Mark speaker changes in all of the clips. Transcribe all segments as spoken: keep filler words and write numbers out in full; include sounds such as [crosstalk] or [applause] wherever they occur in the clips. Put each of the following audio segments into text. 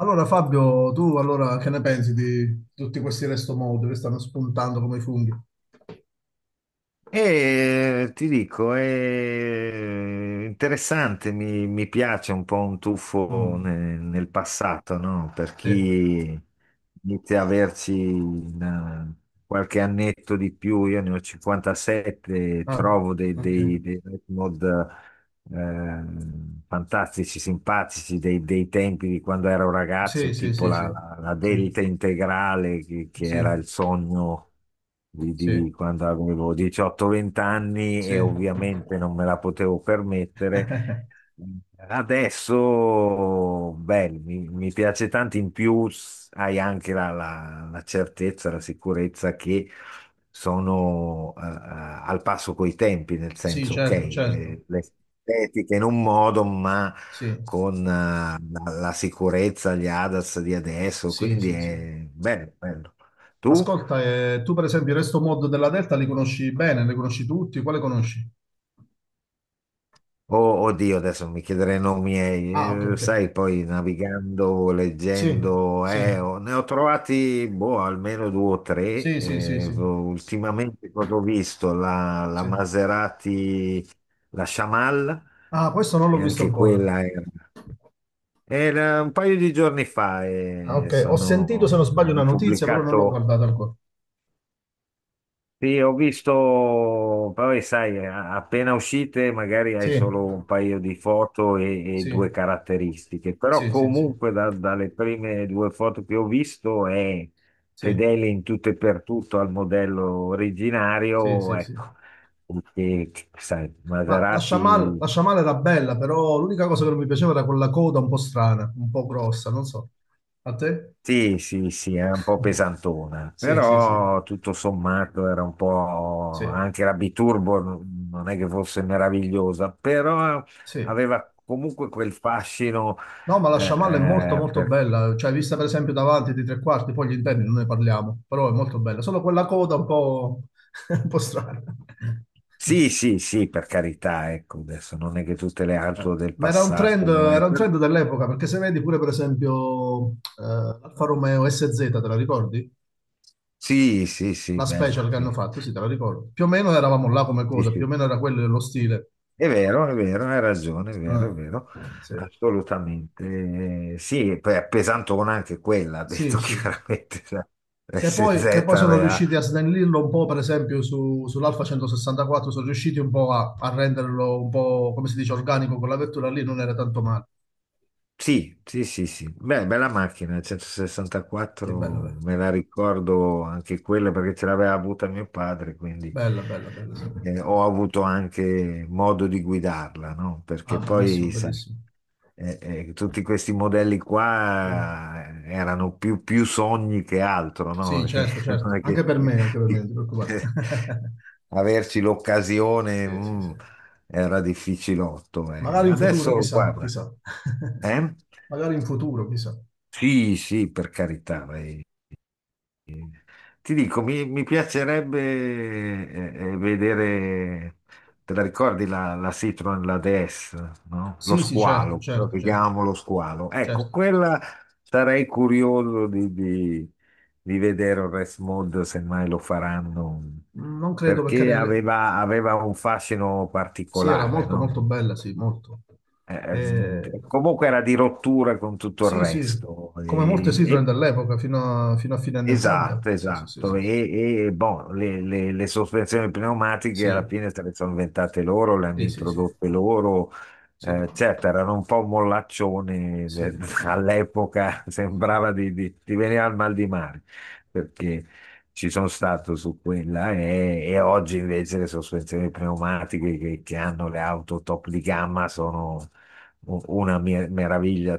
Speaker 1: Allora Fabio, tu allora che ne pensi di tutti questi restomod che stanno spuntando come funghi?
Speaker 2: E ti dico, è interessante, mi, mi piace un po' un tuffo
Speaker 1: Mm,
Speaker 2: ne- nel passato, no? Per
Speaker 1: sì.
Speaker 2: chi inizia a averci una- qualche annetto di più, io ne ho cinquantasette,
Speaker 1: Ah,
Speaker 2: trovo dei,
Speaker 1: ok.
Speaker 2: dei, dei retmod ehm, fantastici, simpatici dei, dei tempi di quando ero
Speaker 1: Sì,
Speaker 2: ragazzo,
Speaker 1: sì,
Speaker 2: tipo
Speaker 1: sì,
Speaker 2: la,
Speaker 1: sì.
Speaker 2: la- la
Speaker 1: Sì,
Speaker 2: delta integrale, che, che era
Speaker 1: sì,
Speaker 2: il sogno di,
Speaker 1: sì,
Speaker 2: di quando avevo diciotto a venti anni e
Speaker 1: sì.
Speaker 2: ovviamente non me la potevo permettere.
Speaker 1: [laughs]
Speaker 2: Adesso, beh, mi, mi piace tanto, in più s- hai anche la, la- la certezza, la sicurezza che sono eh, eh, al passo coi tempi, nel
Speaker 1: Sì,
Speaker 2: senso, ok,
Speaker 1: certo, certo.
Speaker 2: eh, le- estetiche in un modo, ma
Speaker 1: Sì,
Speaker 2: con eh, la, la sicurezza, gli ADAS di adesso,
Speaker 1: sì,
Speaker 2: quindi
Speaker 1: sì, sì.
Speaker 2: è bello, bello. Tu?
Speaker 1: Ascolta, eh, tu per esempio il resto mod della Delta li conosci bene, li conosci tutti? Quale conosci?
Speaker 2: Oh, oddio, adesso mi chiederei nomi,
Speaker 1: Ah, ok,
Speaker 2: miei, eh,
Speaker 1: ok.
Speaker 2: sai, poi navigando,
Speaker 1: Sì,
Speaker 2: leggendo,
Speaker 1: sì,
Speaker 2: eh, ho- ne ho trovati boh, almeno due o tre.
Speaker 1: sì, sì, sì,
Speaker 2: Eh,
Speaker 1: sì,
Speaker 2: ultimamente cosa ho visto? La, la
Speaker 1: sì.
Speaker 2: Maserati, la Shamal,
Speaker 1: Ah, questo non
Speaker 2: che
Speaker 1: l'ho visto
Speaker 2: anche
Speaker 1: ancora.
Speaker 2: quella è. Era un paio di giorni fa
Speaker 1: Ah,
Speaker 2: e
Speaker 1: ok, ho sentito se non
Speaker 2: sono,
Speaker 1: sbaglio una
Speaker 2: hanno
Speaker 1: notizia, però non l'ho
Speaker 2: pubblicato,
Speaker 1: guardata ancora.
Speaker 2: sì, ho visto, poi sai, a- appena uscite magari hai
Speaker 1: Sì,
Speaker 2: solo un paio di foto e, e due
Speaker 1: sì,
Speaker 2: caratteristiche, però
Speaker 1: sì, sì, sì,
Speaker 2: comunque da- dalle prime due foto che ho visto è
Speaker 1: sì,
Speaker 2: fedele in tutto e per tutto al modello
Speaker 1: sì,
Speaker 2: originario,
Speaker 1: sì, sì.
Speaker 2: ecco, perché sai,
Speaker 1: Ma la Shamal, la
Speaker 2: Maserati.
Speaker 1: Shamal era bella, però l'unica cosa che non mi piaceva era quella coda un po' strana, un po' grossa, non so. A te?
Speaker 2: Sì, sì, sì, è un po'
Speaker 1: [laughs]
Speaker 2: pesantona,
Speaker 1: Sì, sì, sì,
Speaker 2: però tutto sommato era un po'
Speaker 1: sì,
Speaker 2: anche la Biturbo n- non è che fosse meravigliosa, però
Speaker 1: sì.
Speaker 2: aveva comunque quel fascino
Speaker 1: No, ma la
Speaker 2: eh,
Speaker 1: Shamal è molto,
Speaker 2: eh,
Speaker 1: molto
Speaker 2: per-
Speaker 1: bella, cioè vista per esempio davanti di tre quarti, poi gli interni non ne parliamo, però è molto bella. Solo quella coda un po', [laughs] un po' strana. [laughs]
Speaker 2: Sì, sì, sì, per carità, ecco, adesso non è che tutte le
Speaker 1: Eh,
Speaker 2: auto del
Speaker 1: Ma era un trend,
Speaker 2: passato, eh,
Speaker 1: era un
Speaker 2: per-
Speaker 1: trend dell'epoca, perché se vedi pure per esempio eh, l'Alfa Romeo S Z, te la ricordi?
Speaker 2: Sì, sì, sì,
Speaker 1: La
Speaker 2: bella,
Speaker 1: special che hanno
Speaker 2: sì.
Speaker 1: fatto, sì, te la ricordo. Più o meno eravamo là come
Speaker 2: Sì,
Speaker 1: coda, più o
Speaker 2: sì.
Speaker 1: meno era quello lo stile.
Speaker 2: È vero, è vero, hai ragione, è vero, è
Speaker 1: Ah,
Speaker 2: vero,
Speaker 1: sì,
Speaker 2: assolutamente. Eh, Sì, e poi è pesantona anche quella, ha
Speaker 1: sì,
Speaker 2: detto [laughs]
Speaker 1: sì.
Speaker 2: chiaramente, la
Speaker 1: Che poi, che
Speaker 2: S Z
Speaker 1: poi sono
Speaker 2: aveva.
Speaker 1: riusciti a snellirlo un po', per esempio, su, sull'Alfa centosessantaquattro, sono riusciti un po' a, a renderlo un po', come si dice, organico, quella vettura lì non era tanto male.
Speaker 2: Sì, sì, sì, sì. Beh, bella macchina,
Speaker 1: Sì, bella,
Speaker 2: centosessantaquattro
Speaker 1: bella,
Speaker 2: me la ricordo anche quella perché ce l'aveva avuta mio padre, quindi
Speaker 1: bella, bella, bella,
Speaker 2: mhmm,
Speaker 1: sì.
Speaker 2: eh, ho avuto anche modo di guidarla, no?
Speaker 1: Ah,
Speaker 2: Perché
Speaker 1: bellissimo,
Speaker 2: poi, sai,
Speaker 1: bellissimo.
Speaker 2: eh, eh, tutti questi modelli
Speaker 1: Sì.
Speaker 2: qua eh, erano più, più sogni che altro, no?
Speaker 1: Sì,
Speaker 2: [laughs]
Speaker 1: certo, certo.
Speaker 2: Non è
Speaker 1: Anche
Speaker 2: che
Speaker 1: per me, anche per me, non ti preoccupare.
Speaker 2: [laughs]
Speaker 1: [laughs]
Speaker 2: averci l'occasione.
Speaker 1: Sì, sì,
Speaker 2: mm
Speaker 1: sì.
Speaker 2: era difficilotto. eh.
Speaker 1: Magari in futuro,
Speaker 2: Adesso,
Speaker 1: chissà,
Speaker 2: guarda,
Speaker 1: chissà. [laughs]
Speaker 2: eh?
Speaker 1: Magari in futuro, chissà.
Speaker 2: Sì, sì, per carità. eh. Ti dico, mi, mi piacerebbe eh, eh, vedere, te la ricordi la, la Citroen, la D S, no? Lo
Speaker 1: Sì, sì, certo,
Speaker 2: squalo, quello
Speaker 1: certo,
Speaker 2: che
Speaker 1: certo,
Speaker 2: chiamavamo lo squalo. Ecco,
Speaker 1: certo.
Speaker 2: quella sarei curioso di, di- di vedere il race mod, se mai lo faranno,
Speaker 1: Non credo perché...
Speaker 2: perché
Speaker 1: ne-
Speaker 2: aveva, aveva un fascino
Speaker 1: Sì, era
Speaker 2: particolare,
Speaker 1: molto,
Speaker 2: no?
Speaker 1: molto bella, sì, molto. Eh,
Speaker 2: Eh, comunque era di rottura con tutto il
Speaker 1: Sì, sì.
Speaker 2: resto.
Speaker 1: Come molte
Speaker 2: E-
Speaker 1: Citroen
Speaker 2: e-
Speaker 1: dell'epoca, fino a, fino a fine anni ottanta.
Speaker 2: esatto,
Speaker 1: Sì, sì, sì, sì,
Speaker 2: esatto.
Speaker 1: sì.
Speaker 2: E, e, boh, le, le- le sospensioni pneumatiche alla
Speaker 1: Sì,
Speaker 2: fine se le sono inventate loro, le hanno
Speaker 1: sì, sì,
Speaker 2: introdotte loro. Eh, certo, erano un po' mollaccioni eh, all'epoca, [laughs] sembrava di, di, di venire al mal di mare, perché ci sono stato su quella e, e oggi invece le sospensioni pneumatiche che, che hanno le auto top di gamma sono u- una mer- meraviglia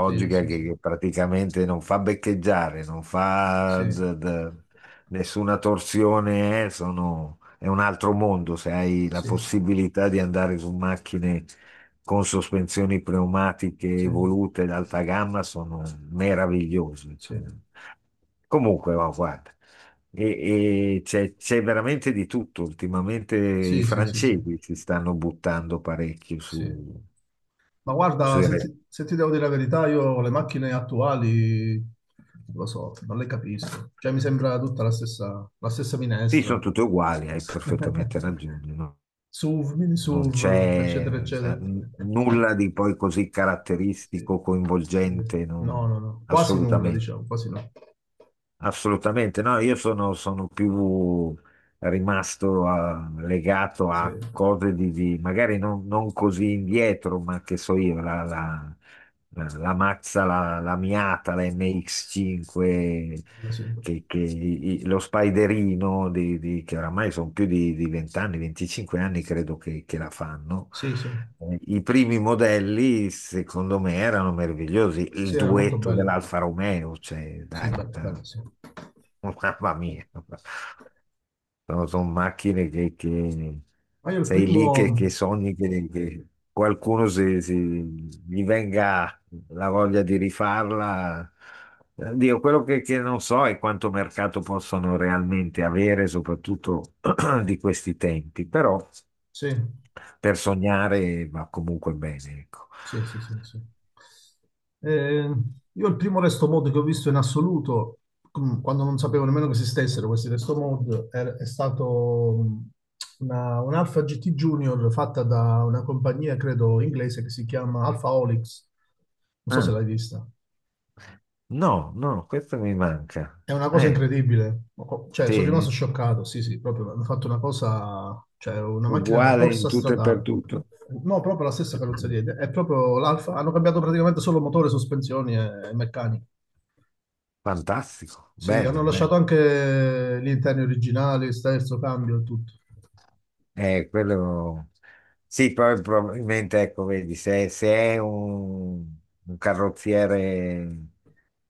Speaker 1: sì, sì, sì, sì, sì, sì,
Speaker 2: che,
Speaker 1: sì,
Speaker 2: che
Speaker 1: sì,
Speaker 2: praticamente non fa beccheggiare, non fa d- d- nessuna torsione, eh, sono- è un altro mondo se hai la
Speaker 1: sì, sì.
Speaker 2: possibilità di andare su macchine con sospensioni pneumatiche
Speaker 1: Sì,
Speaker 2: evolute d'alta gamma sono meravigliose. Cioè.
Speaker 1: sì.
Speaker 2: Comunque, ma guarda, e- e c'è c'è veramente di tutto. Ultimamente i
Speaker 1: Sì, sì, sì, sì,
Speaker 2: francesi si stanno buttando parecchio
Speaker 1: sì.
Speaker 2: su.
Speaker 1: Ma
Speaker 2: Posso
Speaker 1: guarda, se
Speaker 2: dire,
Speaker 1: ti, se ti devo dire la verità, io le macchine attuali, non lo so, non le capisco. Cioè, mi sembra tutta la stessa, la stessa
Speaker 2: sì, sono
Speaker 1: minestra.
Speaker 2: tutte uguali, hai perfettamente
Speaker 1: [laughs]
Speaker 2: ragione, no?
Speaker 1: SUV, mini
Speaker 2: Non
Speaker 1: SUV, eccetera,
Speaker 2: c'è eh,
Speaker 1: eccetera.
Speaker 2: n-
Speaker 1: [laughs]
Speaker 2: nulla di poi così
Speaker 1: Sì,
Speaker 2: caratteristico,
Speaker 1: sì.
Speaker 2: coinvolgente,
Speaker 1: No,
Speaker 2: non-
Speaker 1: no, no. Quasi nulla,
Speaker 2: assolutamente.
Speaker 1: diciamo, quasi no.
Speaker 2: Assolutamente, no, io sono, sono più rimasto a- legato
Speaker 1: Sì,
Speaker 2: a cose di, di- magari non, non così indietro, ma che so io, la, la, la Mazza, la, la Miata, la M X cinque,
Speaker 1: bella, sì.
Speaker 2: che, che i- i- lo Spiderino, di, di- che oramai sono più di, di venti anni, venticinque anni credo che, che la fanno.
Speaker 1: Sì, sì.
Speaker 2: Eh, I primi modelli, secondo me, erano meravigliosi.
Speaker 1: Sì,
Speaker 2: Il
Speaker 1: era molto
Speaker 2: duetto
Speaker 1: bello.
Speaker 2: dell'Alfa Romeo, cioè,
Speaker 1: Sì,
Speaker 2: dai,
Speaker 1: bello, bello,
Speaker 2: eh,
Speaker 1: sì.
Speaker 2: [laughs] mamma mia. Sono, sono macchine che, che
Speaker 1: Ma io il
Speaker 2: sei lì che, che
Speaker 1: primo,
Speaker 2: sogni che, che qualcuno si, si- gli venga la voglia di rifarla. Eh, Dio, quello che, che non so è quanto mercato possono realmente avere, soprattutto [clears throat] di questi tempi, però
Speaker 1: sì.
Speaker 2: per sognare va comunque bene, ecco.
Speaker 1: Sì, sì, sì, sì. Eh, io il primo resto mod che ho visto in assoluto, com- quando non sapevo nemmeno che esistessero questi resto mod, è, è stato mm, una, un Alpha G T Junior fatta da una compagnia, credo, inglese che si chiama Alpha Olix. Non so se
Speaker 2: Ah,
Speaker 1: l'hai vista.
Speaker 2: no, no, questo mi manca.
Speaker 1: È una cosa
Speaker 2: Eh,
Speaker 1: incredibile, cioè sono rimasto
Speaker 2: sì,
Speaker 1: scioccato, sì sì, proprio hanno fatto una cosa, cioè una macchina da
Speaker 2: uguale in
Speaker 1: corsa
Speaker 2: tutto e per
Speaker 1: stradale,
Speaker 2: tutto.
Speaker 1: no proprio la stessa carrozzeria, è proprio l'Alfa, hanno cambiato praticamente solo motore, sospensioni e, e meccanica,
Speaker 2: Fantastico,
Speaker 1: sì,
Speaker 2: bello,
Speaker 1: hanno lasciato
Speaker 2: bello.
Speaker 1: anche gli interni originali, sterzo, cambio e tutto,
Speaker 2: Eh, quello... Sì, poi probabilmente, ecco, vedi, se, se è un, un carrozziere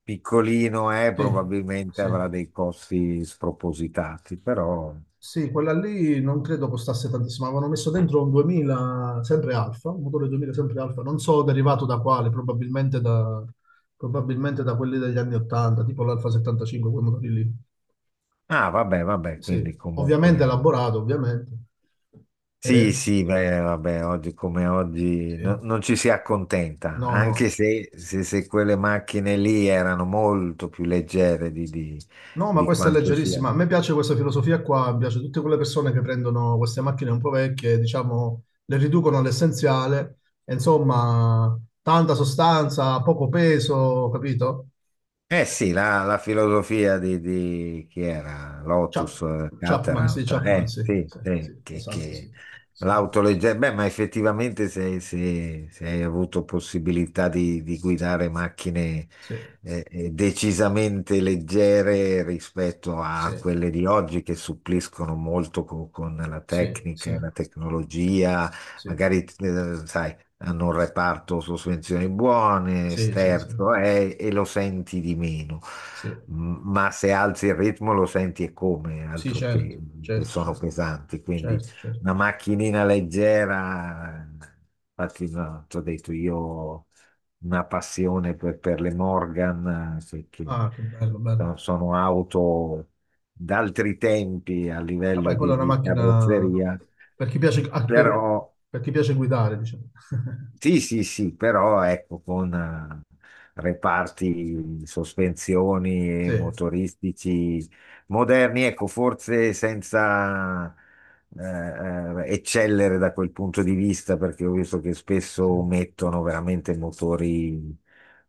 Speaker 2: piccolino, eh,
Speaker 1: sì,
Speaker 2: probabilmente
Speaker 1: sì.
Speaker 2: avrà dei costi spropositati, però.
Speaker 1: Sì, quella lì non credo costasse tantissimo. Avevano messo dentro un duemila, sempre Alfa, un motore duemila sempre Alfa, non so derivato da quale, probabilmente da, probabilmente da quelli degli anni ottanta, tipo l'Alfa settantacinque, quei motori lì.
Speaker 2: Ah, vabbè, vabbè,
Speaker 1: Sì,
Speaker 2: quindi
Speaker 1: ovviamente
Speaker 2: comunque.
Speaker 1: elaborato, ovviamente. Eh,
Speaker 2: Sì, sì, beh, vabbè, oggi come oggi
Speaker 1: sì.
Speaker 2: no- non ci si accontenta,
Speaker 1: No,
Speaker 2: anche
Speaker 1: no.
Speaker 2: se, se- se quelle macchine lì erano molto più leggere di, di-
Speaker 1: No, ma
Speaker 2: di
Speaker 1: questa è
Speaker 2: quanto sia.
Speaker 1: leggerissima. A me piace questa filosofia qua, mi piace tutte quelle persone che prendono queste macchine un po' vecchie, diciamo, le riducono all'essenziale, e insomma, tanta sostanza, poco peso, capito?
Speaker 2: Eh
Speaker 1: Eh,
Speaker 2: sì, la, la filosofia di, di- chi era? Lotus,
Speaker 1: Chap-
Speaker 2: eh,
Speaker 1: Chapman,
Speaker 2: Caterham,
Speaker 1: sì,
Speaker 2: cioè,
Speaker 1: Chapman,
Speaker 2: eh,
Speaker 1: sì,
Speaker 2: sì,
Speaker 1: sì,
Speaker 2: sì,
Speaker 1: sì,
Speaker 2: che,
Speaker 1: esatto, sì,
Speaker 2: che
Speaker 1: sì,
Speaker 2: l'autoleggera, beh, ma effettivamente se, se- se hai avuto possibilità di, di guidare macchine
Speaker 1: sì,
Speaker 2: eh, eh, decisamente leggere rispetto a quelle di oggi che suppliscono molto co- con, la
Speaker 1: sì,
Speaker 2: tecnica
Speaker 1: sì,
Speaker 2: e la tecnologia,
Speaker 1: sì,
Speaker 2: magari, eh, sai hanno un reparto sospensioni buone,
Speaker 1: sì, sì, sì, sì,
Speaker 2: sterzo, eh, e lo senti di meno.
Speaker 1: sì,
Speaker 2: M- Ma se alzi il ritmo lo senti e come,
Speaker 1: sì,
Speaker 2: altro che,
Speaker 1: certo,
Speaker 2: che
Speaker 1: certo,
Speaker 2: sono
Speaker 1: certo,
Speaker 2: pesanti. Quindi
Speaker 1: certo, certo.
Speaker 2: una macchinina leggera, infatti, no, ti ho detto io ho una passione per, per le Morgan, eh, che, che
Speaker 1: Ah, che bello, bello.
Speaker 2: sono sono auto d'altri tempi a livello
Speaker 1: Vabbè, quella è
Speaker 2: di,
Speaker 1: una
Speaker 2: di
Speaker 1: macchina
Speaker 2: carrozzeria,
Speaker 1: per chi piace, ah, per,
Speaker 2: però
Speaker 1: per chi piace guidare, diciamo. [laughs]
Speaker 2: sì, sì, sì, però ecco, con eh, reparti, sospensioni
Speaker 1: Sì,
Speaker 2: e motoristici moderni, ecco, forse senza eh, eh, eccellere da quel punto di vista, perché ho visto che
Speaker 1: sì,
Speaker 2: spesso mettono veramente motori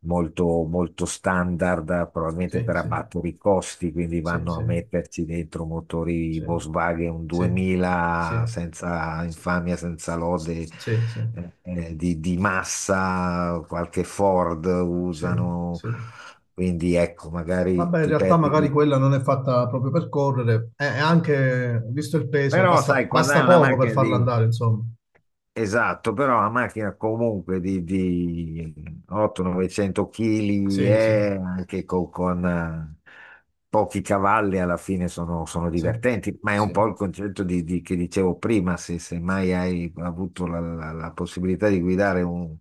Speaker 2: molto, molto standard, probabilmente
Speaker 1: sì,
Speaker 2: per
Speaker 1: sì,
Speaker 2: abbattere i costi, quindi
Speaker 1: sì,
Speaker 2: vanno a
Speaker 1: sì,
Speaker 2: metterci dentro motori
Speaker 1: sì,
Speaker 2: Volkswagen
Speaker 1: sì,
Speaker 2: duemila
Speaker 1: sì,
Speaker 2: senza infamia, senza lode.
Speaker 1: sì, sì,
Speaker 2: eh, eh, Di, di massa, qualche Ford
Speaker 1: sì,
Speaker 2: usano,
Speaker 1: sì.
Speaker 2: quindi ecco, magari
Speaker 1: Vabbè, in
Speaker 2: ti
Speaker 1: realtà
Speaker 2: perdi
Speaker 1: magari
Speaker 2: lì.
Speaker 1: quella non è fatta proprio per correre, e e anche, visto il peso,
Speaker 2: Però
Speaker 1: basta,
Speaker 2: sai, quando hai
Speaker 1: basta
Speaker 2: una
Speaker 1: poco per
Speaker 2: macchina
Speaker 1: farla
Speaker 2: di.
Speaker 1: andare, insomma.
Speaker 2: Esatto, però la macchina comunque di, di ottocento novecento kg
Speaker 1: Sì, sì,
Speaker 2: è anche co- con, eh, pochi cavalli alla fine sono, sono
Speaker 1: sì,
Speaker 2: divertenti, ma è un
Speaker 1: sì,
Speaker 2: po' il concetto di- di- che dicevo prima, se, se mai hai avuto la, la- la possibilità di guidare un-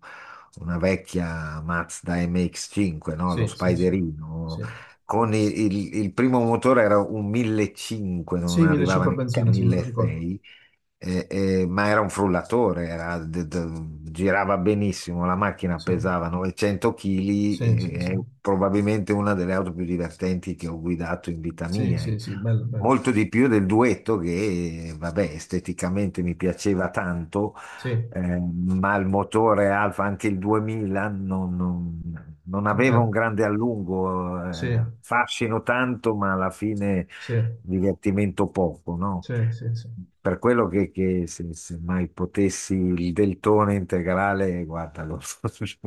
Speaker 2: una vecchia Mazda M X cinque, no? Lo
Speaker 1: sì, sì, sì,
Speaker 2: Spiderino,
Speaker 1: sì.
Speaker 2: con il, il- il primo motore era un millecinquecento, non
Speaker 1: Sì,
Speaker 2: arrivava
Speaker 1: millecinquecento
Speaker 2: neanche a
Speaker 1: benzina, sì, me lo ricordo.
Speaker 2: milleseicento. E- e- ma era un frullatore, era- d- d- girava benissimo, la macchina
Speaker 1: Sì,
Speaker 2: pesava novecento chili
Speaker 1: sì, sì,
Speaker 2: e
Speaker 1: sì.
Speaker 2: è probabilmente una delle auto più divertenti che ho guidato in vita
Speaker 1: Sì,
Speaker 2: mia.
Speaker 1: sì, sì, bello, bello.
Speaker 2: Molto di più del duetto che, vabbè, esteticamente mi piaceva tanto,
Speaker 1: Sì,
Speaker 2: eh, ma il motore Alfa, anche il duemila, non, non- non
Speaker 1: non
Speaker 2: aveva
Speaker 1: era.
Speaker 2: un grande allungo,
Speaker 1: Sì,
Speaker 2: eh, fascino tanto, ma alla fine
Speaker 1: sì,
Speaker 2: divertimento poco, no?
Speaker 1: sì, sì, sì.
Speaker 2: Per quello che, che se, se mai potessi il deltone integrale, guarda, lo-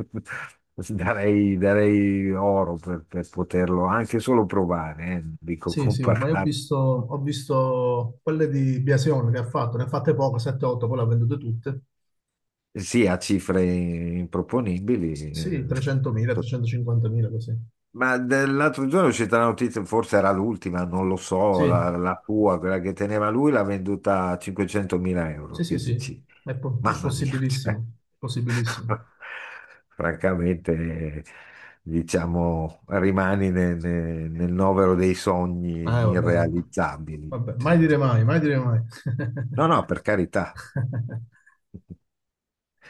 Speaker 2: [laughs] darei, darei oro per, per poterlo anche solo provare, eh, non dico [laughs]
Speaker 1: Sì, sì, ma io ho
Speaker 2: comparare,
Speaker 1: visto, ho visto quelle di Biasion che ha fatto, ne ha fatte poco, sette otto, poi le ha vendute tutte.
Speaker 2: sì, a cifre improponibili, eh,
Speaker 1: Sì, trecentomila,
Speaker 2: [laughs]
Speaker 1: trecentocinquantamila, così.
Speaker 2: Ma dell'altro giorno è uscita la notizia, forse era l'ultima, non lo
Speaker 1: Sì,
Speaker 2: so, la, la tua, quella che teneva lui, l'ha venduta a 500.000
Speaker 1: sì,
Speaker 2: euro.
Speaker 1: sì,
Speaker 2: Che
Speaker 1: sì,
Speaker 2: dici?
Speaker 1: è, po- è
Speaker 2: Mamma mia, cioè,
Speaker 1: possibilissimo, possibilissimo.
Speaker 2: [laughs] francamente, eh, diciamo, rimani nel, nel- nel novero dei
Speaker 1: Eh,
Speaker 2: sogni
Speaker 1: vabbè, oh.
Speaker 2: irrealizzabili.
Speaker 1: Vabbè, mai
Speaker 2: Cioè.
Speaker 1: dire mai, mai dire mai.
Speaker 2: No, no, per carità,
Speaker 1: [laughs]